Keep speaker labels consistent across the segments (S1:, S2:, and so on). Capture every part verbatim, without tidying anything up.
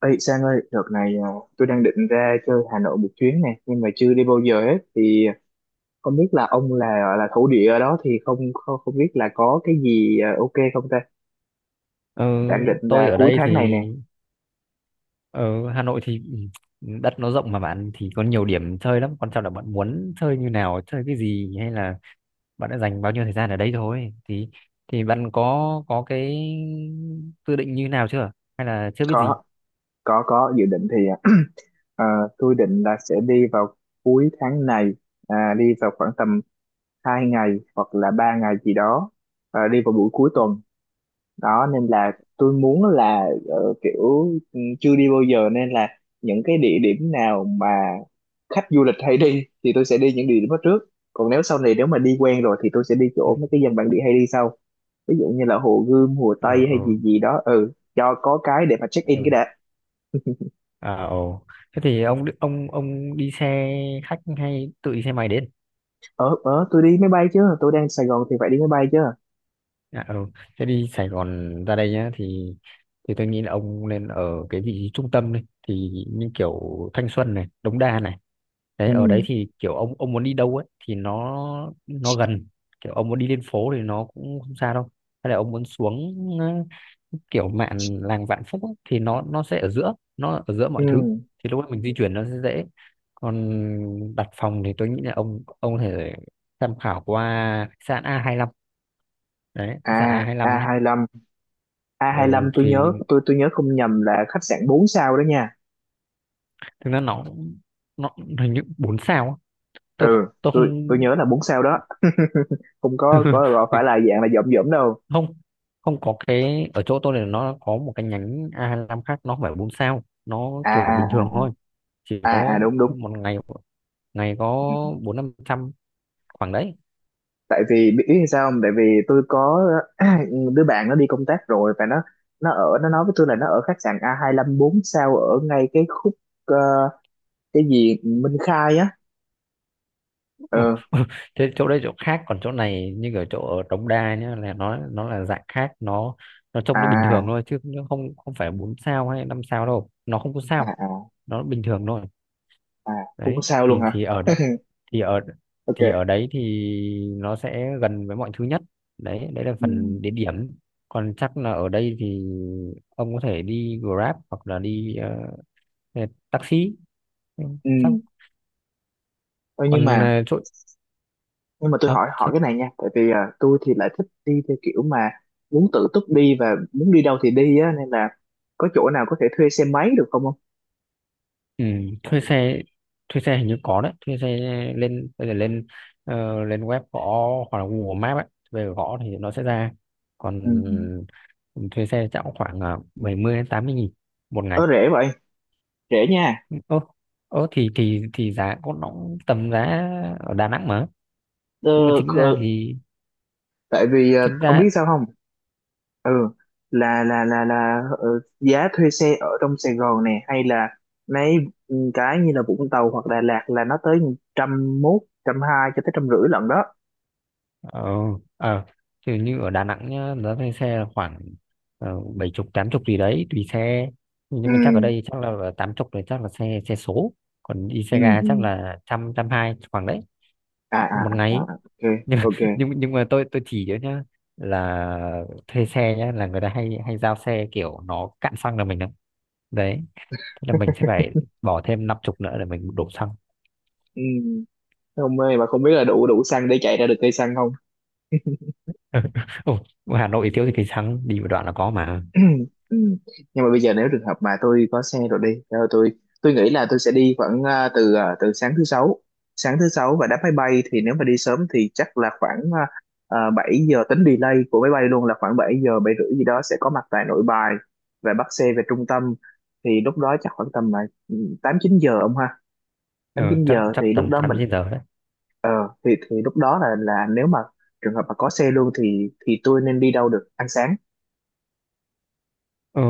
S1: Ê Sang ơi, đợt này à, tôi đang định ra chơi Hà Nội một chuyến này, nhưng mà chưa đi bao giờ hết. Thì không biết là ông là là thổ địa ở đó thì không không, không biết là có cái gì à, ok không ta?
S2: Ờ,
S1: Đang định
S2: tôi
S1: là
S2: ở
S1: cuối
S2: đây thì
S1: tháng này nè.
S2: ở Hà Nội thì ừ, đất nó rộng mà bạn thì có nhiều điểm chơi lắm, quan trọng là bạn muốn chơi như nào, chơi cái gì, hay là bạn đã dành bao nhiêu thời gian ở đây thôi. thì thì bạn có có cái dự định như nào chưa, hay là chưa biết
S1: Có
S2: gì?
S1: có có dự định thì à, à, tôi định là sẽ đi vào cuối tháng này, à, đi vào khoảng tầm hai ngày hoặc là ba ngày gì đó, à, đi vào buổi cuối tuần. Đó nên là tôi muốn là ờ, kiểu ừ, chưa đi bao giờ nên là những cái địa điểm nào mà khách du lịch hay đi thì tôi sẽ đi những địa điểm đó trước. Còn nếu sau này nếu mà đi quen rồi thì tôi sẽ đi
S2: Ừ
S1: chỗ mấy cái dân bản địa hay đi sau, ví dụ như là Hồ Gươm, Hồ
S2: ừ
S1: Tây hay
S2: ừ
S1: gì gì đó, ừ, cho có cái để mà check in cái
S2: ừ.
S1: đã.
S2: à ồ Thế thì ông ông ông đi xe khách hay tự đi xe máy đến?
S1: ờ ờ tôi đi máy bay chứ, tôi đang Sài Gòn thì phải đi máy bay chứ.
S2: Dạ, ừ. Thế đi Sài Gòn ra đây nhá thì thì tôi nghĩ là ông nên ở cái vị trí trung tâm đi, thì như kiểu Thanh Xuân này, Đống Đa này.
S1: Ừ,
S2: Đấy, ở đấy thì kiểu ông ông muốn đi đâu ấy thì nó nó gần. Kiểu ông muốn đi lên phố thì nó cũng không xa đâu. Hay là ông muốn xuống ờ, kiểu mạn làng Vạn Phúc ấy, thì nó nó sẽ ở giữa, nó ở giữa
S1: ừ.
S2: mọi thứ. Thì lúc đó mình di chuyển nó sẽ dễ. Còn đặt phòng thì tôi nghĩ là ông ông có thể tham khảo qua khách sạn a hai lăm, đấy khách sạn
S1: À, a
S2: a hai lăm.
S1: hai lăm. A hai
S2: ừ,
S1: lăm tôi
S2: thì
S1: nhớ tôi tôi nhớ không nhầm là khách sạn bốn sao đó nha.
S2: thực ra nó nó hình như bốn sao á.
S1: Ừ,
S2: tôi tôi
S1: tôi
S2: không
S1: tôi nhớ là bốn sao đó không có có gọi phải là dạng là dỏm dỏm đâu.
S2: không. Không có, cái ở chỗ tôi này nó có một cái nhánh a hai lăm hai lăm khác, nó không phải bốn sao, nó
S1: à
S2: kiểu
S1: à
S2: bình thường
S1: à
S2: thôi, chỉ có
S1: à à đúng đúng.
S2: một ngày, ngày có
S1: Ừ.
S2: bốn năm trăm, khoảng đấy.
S1: Tại vì biết biết sao không, tại vì tôi có đứa bạn nó đi công tác rồi và nó nó ở nó nói với tôi là nó ở khách sạn a hai lăm hai lăm bốn sao ở ngay cái khúc ờ, cái gì Minh Khai á.
S2: Ừ.
S1: Ừ.
S2: Thế chỗ đây chỗ khác, còn chỗ này như ở chỗ ở Đống Đa nhá, là nó nó là dạng khác, nó nó trông nó bình thường
S1: à
S2: thôi, chứ nó không, không phải bốn sao hay năm sao đâu, nó không có
S1: à
S2: sao,
S1: à
S2: nó bình thường thôi.
S1: à không có
S2: Đấy
S1: sao luôn
S2: thì
S1: hả?
S2: thì ở đấy, thì ở thì ở
S1: Ok.
S2: đấy thì nó sẽ gần với mọi thứ nhất. Đấy đấy là
S1: Ừ. Ừ.
S2: phần địa điểm. Còn chắc là ở đây thì ông có thể đi Grab hoặc là đi ờ, ờ, taxi. Ừ,
S1: Ừ.
S2: chắc
S1: Thôi, nhưng
S2: còn
S1: mà
S2: ờ, chỗ
S1: nhưng mà tôi
S2: chắc
S1: hỏi hỏi
S2: chắc
S1: cái này nha, tại vì à, tôi thì lại thích đi theo kiểu mà muốn tự túc đi và muốn đi đâu thì đi á, nên là có chỗ nào có thể thuê xe máy được không không
S2: ừ, thuê xe. Thuê xe hình như có đấy. Thuê xe, lên bây giờ lên ờ, lên web gõ hoặc là Google Maps ấy về gõ thì nó sẽ ra. Còn
S1: ừ.
S2: ừ, thuê xe chắc cũng khoảng uh, bảy mươi đến tám mươi nghìn một ngày.
S1: Ờ rẻ vậy, rẻ nha.
S2: Ô ô thì thì thì giá có nó cũng tầm giá ở Đà Nẵng mà. Nhưng mà
S1: ờ,
S2: chính ra
S1: ờ,
S2: thì
S1: Tại vì ờ,
S2: chính
S1: ông
S2: ra
S1: biết sao không? Ừ, là là là là ờ, giá thuê xe ở trong Sài Gòn này hay là mấy ừ, cái như là Vũng Tàu hoặc Đà Lạt là nó tới trăm mốt trăm hai cho tới trăm rưỡi lận đó.
S2: ờ ờ thì như ở Đà Nẵng nhá, giá thuê xe là khoảng uh, bảy chục tám chục gì đấy, tùy xe.
S1: Ừ,
S2: Nhưng mà chắc ở đây chắc là tám chục rồi, chắc là xe, xe số. Còn đi
S1: ừ,
S2: xe ga
S1: ừ.
S2: chắc là trăm, trăm hai khoảng đấy,
S1: à à
S2: một
S1: à
S2: ngày ấy.
S1: à, ok.
S2: Nhưng mà-
S1: Ok.
S2: nhưng nhưng mà tôi tôi chỉ cho nhá là thuê xe nhá, là người ta hay hay giao xe kiểu nó cạn xăng là mình đấy đấy. Thế là mình sẽ phải bỏ thêm năm chục nữa để mình đổ xăng.
S1: Ừ. Không ơi, mà không biết là đủ đủ xăng để chạy ra được cây xăng không?
S2: Ồ, Hà Nội thiếu thì cái xăng đi một đoạn là có mà.
S1: Nhưng mà bây giờ nếu trường hợp mà tôi có xe rồi đi, rồi tôi tôi nghĩ là tôi sẽ đi khoảng à, từ à, từ sáng thứ sáu, sáng thứ sáu và đáp máy bay thì nếu mà đi sớm thì chắc là khoảng uh, 7 giờ, tính delay của máy bay luôn là khoảng bảy giờ bảy rưỡi gì đó sẽ có mặt tại Nội Bài và bắt xe về trung tâm, thì lúc đó chắc khoảng tầm là ừ, tám chín giờ ông ha.
S2: Ừ,
S1: Tám chín
S2: chắc
S1: giờ
S2: chắc
S1: thì lúc
S2: tầm
S1: đó
S2: tám
S1: mình
S2: chín giờ đấy.
S1: Ờ, thì thì lúc đó là là nếu mà trường hợp mà có xe luôn thì thì tôi nên đi đâu được ăn sáng?
S2: Ừ,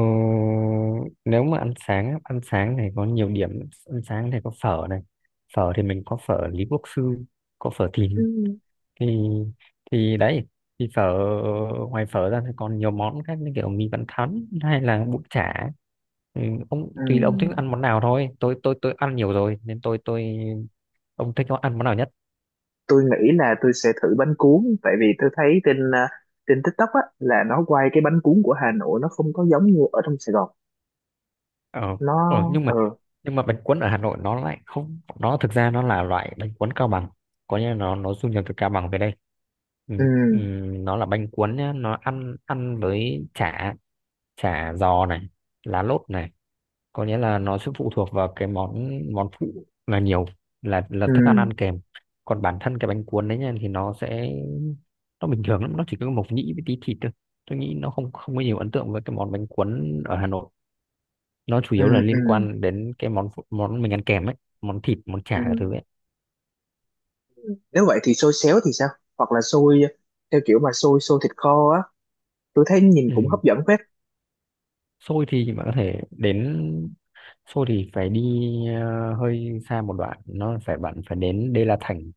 S2: nếu mà ăn sáng á, ăn sáng này có nhiều điểm, ăn sáng này có phở này, phở thì mình có phở Lý Quốc Sư, có phở Thìn,
S1: Ừ.
S2: thì thì đấy. Thì phở, ngoài phở ra thì còn nhiều món khác như kiểu mì Vạn Thắn hay là bún chả. Ừ, ông
S1: Ừ,
S2: tùy là
S1: Ừ.
S2: ông thích ăn món nào thôi, tôi tôi tôi ăn nhiều rồi nên tôi tôi ông thích ăn món nào nhất?
S1: Tôi nghĩ là tôi sẽ thử bánh cuốn, tại vì tôi thấy trên à, trên TikTok á là nó quay cái bánh cuốn của Hà Nội nó không có giống như ở trong Sài Gòn.
S2: ờ, ờ
S1: Nó
S2: nhưng mà
S1: ờ.
S2: nhưng mà bánh cuốn ở Hà Nội nó lại không, nó thực ra nó là loại bánh cuốn Cao Bằng, có nghĩa là nó nó du nhập từ Cao Bằng về đây. ừ,
S1: Ừ,
S2: ừ, nó là bánh cuốn nhá, nó ăn ăn với chả, chả giò này, lá lốt này, có nghĩa là nó sẽ phụ thuộc vào cái món món phụ là nhiều, là là
S1: ừ,
S2: thức ăn, ăn kèm. Còn bản thân cái bánh cuốn đấy nha thì nó sẽ, nó bình thường lắm, nó chỉ có mộc nhĩ với tí thịt thôi. Tôi nghĩ nó không, không có nhiều ấn tượng với cái món bánh cuốn ở Hà Nội, nó chủ
S1: ừ.
S2: yếu là liên
S1: Ừ.
S2: quan đến cái món phụ- món mình ăn kèm ấy, món thịt món chả các thứ
S1: Ừ.
S2: ấy.
S1: Nếu vậy thì xôi xéo thì sao? Hoặc là xôi theo kiểu mà xôi xôi thịt kho á, tôi thấy nhìn
S2: Ừ.
S1: cũng hấp dẫn phết.
S2: Xôi thì bạn có thể đến, xôi thì phải đi ờ, hơi xa một đoạn, nó phải bạn phải đến Đê La Thành.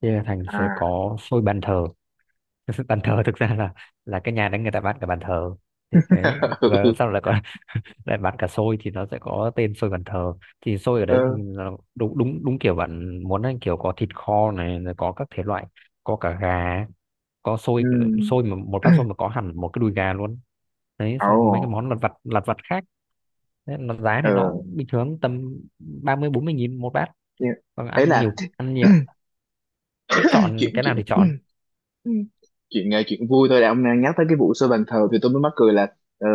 S2: Đê La Thành sẽ
S1: À.
S2: có xôi bàn thờ. Bàn thờ thực ra là là cái nhà đấy người ta bán cả bàn thờ, thế đấy, và sau lại còn lại bán cả xôi, thì nó sẽ có tên xôi bàn thờ. Thì xôi ở đấy thì
S1: Ừ.
S2: là đúng đúng đúng kiểu bạn muốn ấy, kiểu có thịt kho này rồi có các thể loại, có cả gà, có xôi.
S1: Ừ.
S2: Xôi mà một bát xôi mà có hẳn một cái đùi gà luôn. Đấy,
S1: Ồ.
S2: xong có mấy cái món lặt vặt lặt vặt khác. Thế nó giá này nó
S1: Ừ.
S2: cũng bình thường tầm ba mươi bốn mươi nghìn một bát.
S1: Nhưng
S2: Còn
S1: ấy
S2: ăn
S1: là
S2: nhiều, ăn nhiều, thích chọn
S1: chuyện
S2: cái nào
S1: chuyện
S2: thì chọn.
S1: chuyện ờ, chuyện vui thôi đã, ông đang nhắc tới cái vụ xây bàn thờ thì tôi mới mắc cười là ờ,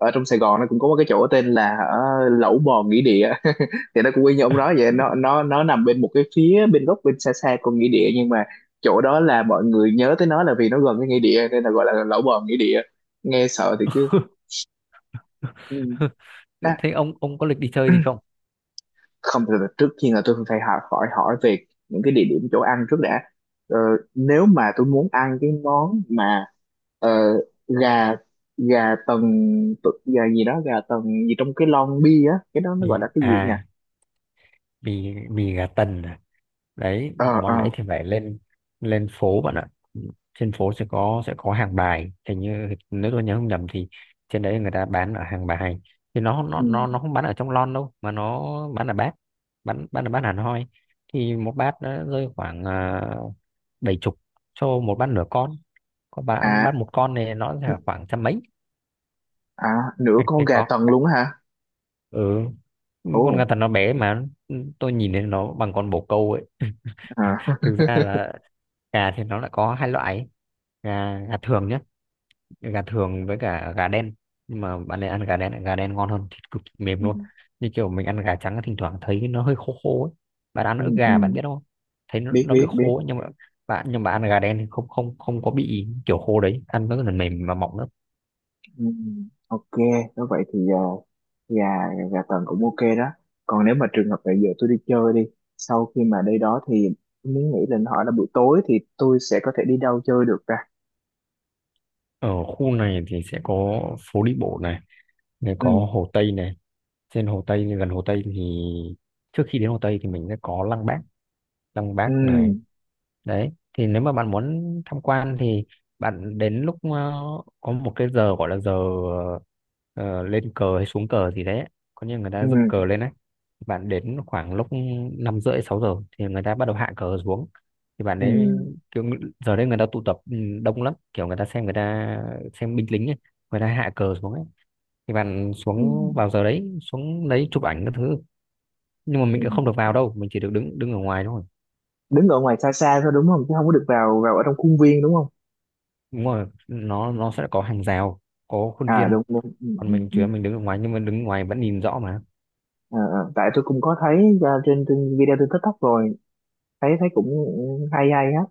S1: ở trong Sài Gòn nó cũng có một cái chỗ tên là ờ, Lẩu Bò Nghĩa Địa thì nó cũng y như ông nói vậy, nó nó nó nằm bên một cái phía bên góc bên xa xa con nghĩa địa, nhưng mà chỗ đó là mọi người nhớ tới nó là vì nó gần cái nghĩa địa nên là gọi là Lẩu Bò Nghĩa Địa, nghe sợ thì cứ. Ừ.
S2: Thế ông ông có lịch đi chơi gì không?
S1: Không, từ từ, trước tiên là tôi phải hỏi hỏi hỏi về những cái địa điểm chỗ ăn trước đã. ờ, Nếu mà tôi muốn ăn cái món mà ờ, gà, gà tần, tu- gà gì đó gà tần gì trong cái lon bia á, cái đó nó
S2: Ừ.
S1: gọi là cái gì nhỉ?
S2: À, mì mì gà tần à. Đấy,
S1: Ờ ờ
S2: món đấy thì phải lên, lên phố bạn ạ. Trên phố sẽ có, sẽ có hàng bài, hình như nếu tôi nhớ không nhầm thì trên đấy người ta bán ở hàng bài. Thì nó nó
S1: Ừ.
S2: nó nó không bán ở trong lon đâu mà nó bán ở bát, bán bán ở bát hẳn hoi. Thì một bát nó rơi khoảng uh, bảy chục cho một bát nửa con, có bán bát
S1: À
S2: một con này nó là khoảng trăm mấy.
S1: à. Nửa
S2: cái
S1: con
S2: cái
S1: gà
S2: có
S1: tần luôn á hả?
S2: ừ, con gà
S1: Ồ.
S2: tần nó bé mà, tôi nhìn thấy nó bằng con bồ câu ấy.
S1: À
S2: Thực ra là gà thì nó lại có hai loại, gà, gà thường nhé, gà thường với cả gà đen. Nhưng mà bạn nên ăn gà đen, gà đen ngon hơn, thịt cực kỳ mềm
S1: Ừ.
S2: luôn. Như kiểu mình ăn gà trắng thỉnh thoảng thấy nó hơi khô khô ấy, bạn ăn
S1: Ừ,
S2: ức
S1: ừ.
S2: gà bạn biết không, thấy nó,
S1: biết
S2: nó bị
S1: biết biết.
S2: khô ấy, nhưng mà bạn, nhưng mà ăn gà đen thì không, không không có bị kiểu khô đấy, ăn rất là mềm và mọng lắm.
S1: Ừ, ok. Nếu vậy thì à, gà, gà tần cũng ok đó. Còn nếu mà trường hợp là giờ tôi đi chơi đi, sau khi mà đi đó thì mới nghĩ lên hỏi là buổi tối thì tôi sẽ có thể đi đâu chơi được ta?
S2: Ở khu này thì sẽ có phố đi bộ này, này
S1: Ừ.
S2: có hồ Tây này. Trên hồ Tây, gần hồ Tây thì, trước khi đến hồ Tây thì mình sẽ có Lăng Bác, Lăng
S1: Ừ.
S2: Bác này. Đấy, thì nếu mà bạn muốn tham quan thì bạn đến lúc ờ, có một cái giờ gọi là giờ ờ, lên cờ hay xuống cờ gì đấy, có như người
S1: Ừ.
S2: ta dựng cờ lên đấy. Bạn đến khoảng lúc năm rưỡi sáu giờ thì người ta bắt đầu hạ cờ xuống, thì bạn
S1: Ừ.
S2: đấy, kiểu ng- giờ đấy người ta tụ tập ừ, đông lắm, kiểu người ta xem, người ta xem binh lính ấy, người ta hạ cờ xuống ấy. Thì bạn
S1: Ừ.
S2: xuống vào giờ đấy, xuống lấy chụp ảnh các thứ, nhưng mà mình cũng không
S1: Ừ.
S2: được vào đâu, mình chỉ được đứng đứng ở ngoài thôi.
S1: Đứng ở ngoài xa xa thôi đúng không, chứ không có được vào vào ở trong khuôn viên đúng không?
S2: Đúng rồi, nó nó sẽ có hàng rào, có khuôn
S1: À đúng
S2: viên.
S1: đúng. Ừ,
S2: Còn
S1: ừ,
S2: mình
S1: ừ.
S2: chỉ là mình đứng ở ngoài, nhưng mà đứng ngoài vẫn nhìn rõ mà.
S1: Ờ, ờ, tại tôi cũng có thấy ra trên, trên video trên TikTok rồi, thấy thấy cũng hay hay á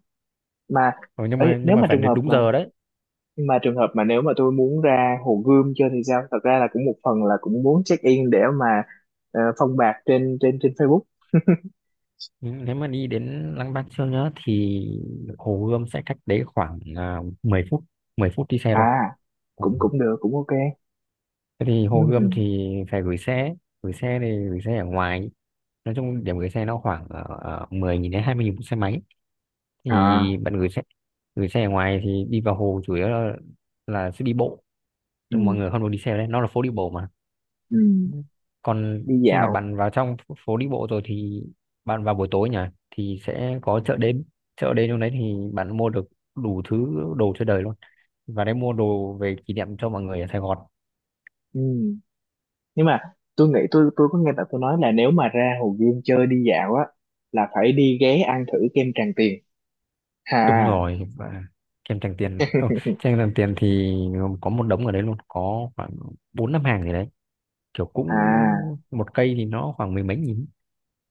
S1: mà.
S2: Ừ, nhưng
S1: Ấy,
S2: mà nhưng
S1: nếu
S2: mà
S1: mà
S2: phải
S1: trường
S2: đến
S1: hợp
S2: đúng
S1: mà
S2: giờ đấy.
S1: Nhưng mà trường hợp mà nếu mà tôi muốn ra Hồ Gươm chơi thì sao? Thật ra là cũng một phần là cũng muốn check in để mà ờ, phong bạc trên trên trên Facebook.
S2: Nhưng nếu mà đi đến Lăng Bác Chương nhá thì Hồ Gươm sẽ cách đấy khoảng à, mười phút, mười phút đi xe thôi.
S1: À,
S2: Ừ.
S1: cũng cũng được, cũng ok.
S2: Thế thì Hồ Gươm
S1: Ừ.
S2: thì phải gửi xe, gửi xe thì gửi xe ở ngoài, nói chung điểm gửi xe nó khoảng uh, mười nghìn đến hai mươi nghìn một xe máy.
S1: À,
S2: Thì bạn gửi xe, gửi xe ở ngoài thì đi vào hồ chủ yếu là, là sẽ đi bộ.
S1: ừ.
S2: Nhưng mọi người không được đi xe đấy, nó là phố đi bộ mà.
S1: Ừ.
S2: Còn
S1: Đi
S2: khi mà
S1: dạo.
S2: bạn vào trong phố đi bộ rồi thì, bạn vào buổi tối nhỉ, thì sẽ có chợ đêm. Chợ đêm trong đấy thì bạn mua được đủ thứ, đồ chơi đời luôn, và đấy mua đồ về kỷ niệm cho mọi người ở Sài Gòn.
S1: Ừ. Nhưng mà tôi nghĩ tôi tôi có nghe bạn tôi nói là nếu mà ra Hồ Gươm chơi đi dạo á là phải đi ghé ăn thử kem Tràng Tiền.
S2: Đúng
S1: À.
S2: rồi, và kem Tràng Tiền, ừ, kem Tràng Tiền thì có một đống ở đấy luôn, có khoảng bốn năm hàng gì đấy, kiểu
S1: À.
S2: cũng một cây thì nó khoảng mười mấy nghìn.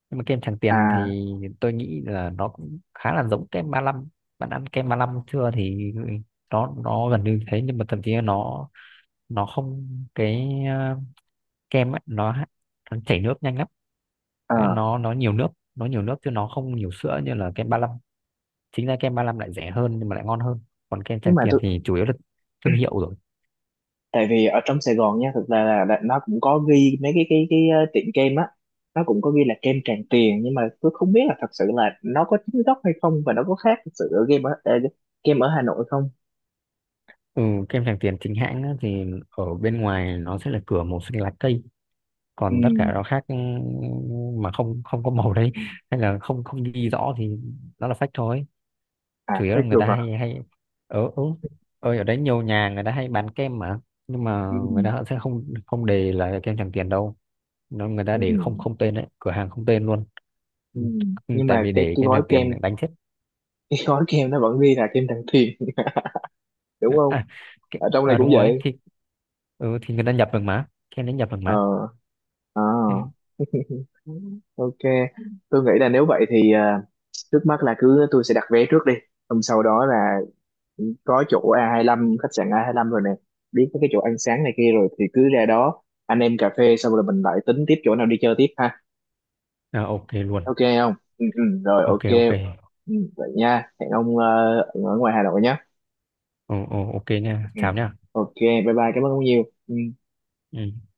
S2: Nhưng mà kem Tràng Tiền
S1: À.
S2: thì tôi nghĩ là nó cũng khá là giống kem ba lăm. Bạn ăn kem ba lăm chưa thì nó nó gần như thế, nhưng mà thậm chí là nó nó không, cái ờ, kem ấy nó, nó chảy nước nhanh lắm,
S1: Ờ.
S2: nó nó nhiều nước, nó nhiều nước chứ nó không nhiều sữa như là kem ba lăm. Chính ra kem ba lăm lại rẻ hơn nhưng mà lại ngon hơn. Còn kem
S1: Nhưng
S2: Tràng
S1: mà
S2: Tiền
S1: tôi
S2: thì chủ yếu là thương hiệu rồi.
S1: Tại vì ở trong Sài Gòn nha, thực ra là đã- nó cũng có ghi mấy cái cái cái ờ, tiệm kem á, nó cũng có ghi là kem Tràng Tiền, nhưng mà tôi không biết là thật sự là nó có chính gốc hay không, và nó có khác thật sự ở game ở ờ, kem ở Hà Nội không?
S2: Ừ, kem Tràng Tiền chính hãng á thì ở bên ngoài nó sẽ là cửa màu xanh lá cây,
S1: Ừ.
S2: còn tất cả rau khác ừ, mà không, không có màu đấy, hay là không, không ghi rõ thì nó là fake thôi.
S1: À
S2: Chủ yếu
S1: khác
S2: là người
S1: được
S2: ta
S1: hả?
S2: hay hay ở ừ, ơi ở đấy nhiều nhà người ta hay bán kem mà, nhưng mà
S1: Ừ.
S2: người ta sẽ không, không đề là kem Tràng Tiền đâu, nó người ta
S1: Ừ.
S2: để không, không tên đấy, cửa hàng không tên luôn.
S1: Ừ.
S2: Ừ, ừ,
S1: Nhưng
S2: tại
S1: mà
S2: vì
S1: cái
S2: để
S1: cái
S2: kem
S1: gói
S2: Tràng Tiền
S1: kem
S2: đánh chết.
S1: cái gói kem nó vẫn ghi là kem Tràng Tiền đúng không?
S2: À, cái,
S1: Ở trong này
S2: à
S1: cũng
S2: đúng rồi
S1: vậy.
S2: thì ừ, thì người ta nhập được mà, kem đấy nhập được
S1: Ờ.
S2: mà.
S1: À.
S2: Ừ.
S1: Ok, tôi nghĩ là nếu vậy thì ờ, trước mắt là cứ tôi sẽ đặt vé trước đi, xong sau đó là có chỗ a hai lăm, khách sạn a hai lăm rồi nè, biết mấy cái chỗ ăn sáng này kia rồi, thì cứ ra đó anh em cà phê xong rồi mình lại tính tiếp chỗ nào đi chơi tiếp ha.
S2: À, ok luôn.
S1: Ok không, ừ, ừ, rồi
S2: Ok
S1: ok.
S2: ok.
S1: Ừ, vậy nha, hẹn ông ờ, ở ngoài Hà Nội nhé.
S2: Ừ, ừ, ok nha,
S1: Ừ.
S2: chào nha.
S1: Ok bye bye, cảm ơn ông nhiều. Ừ.
S2: Ừ.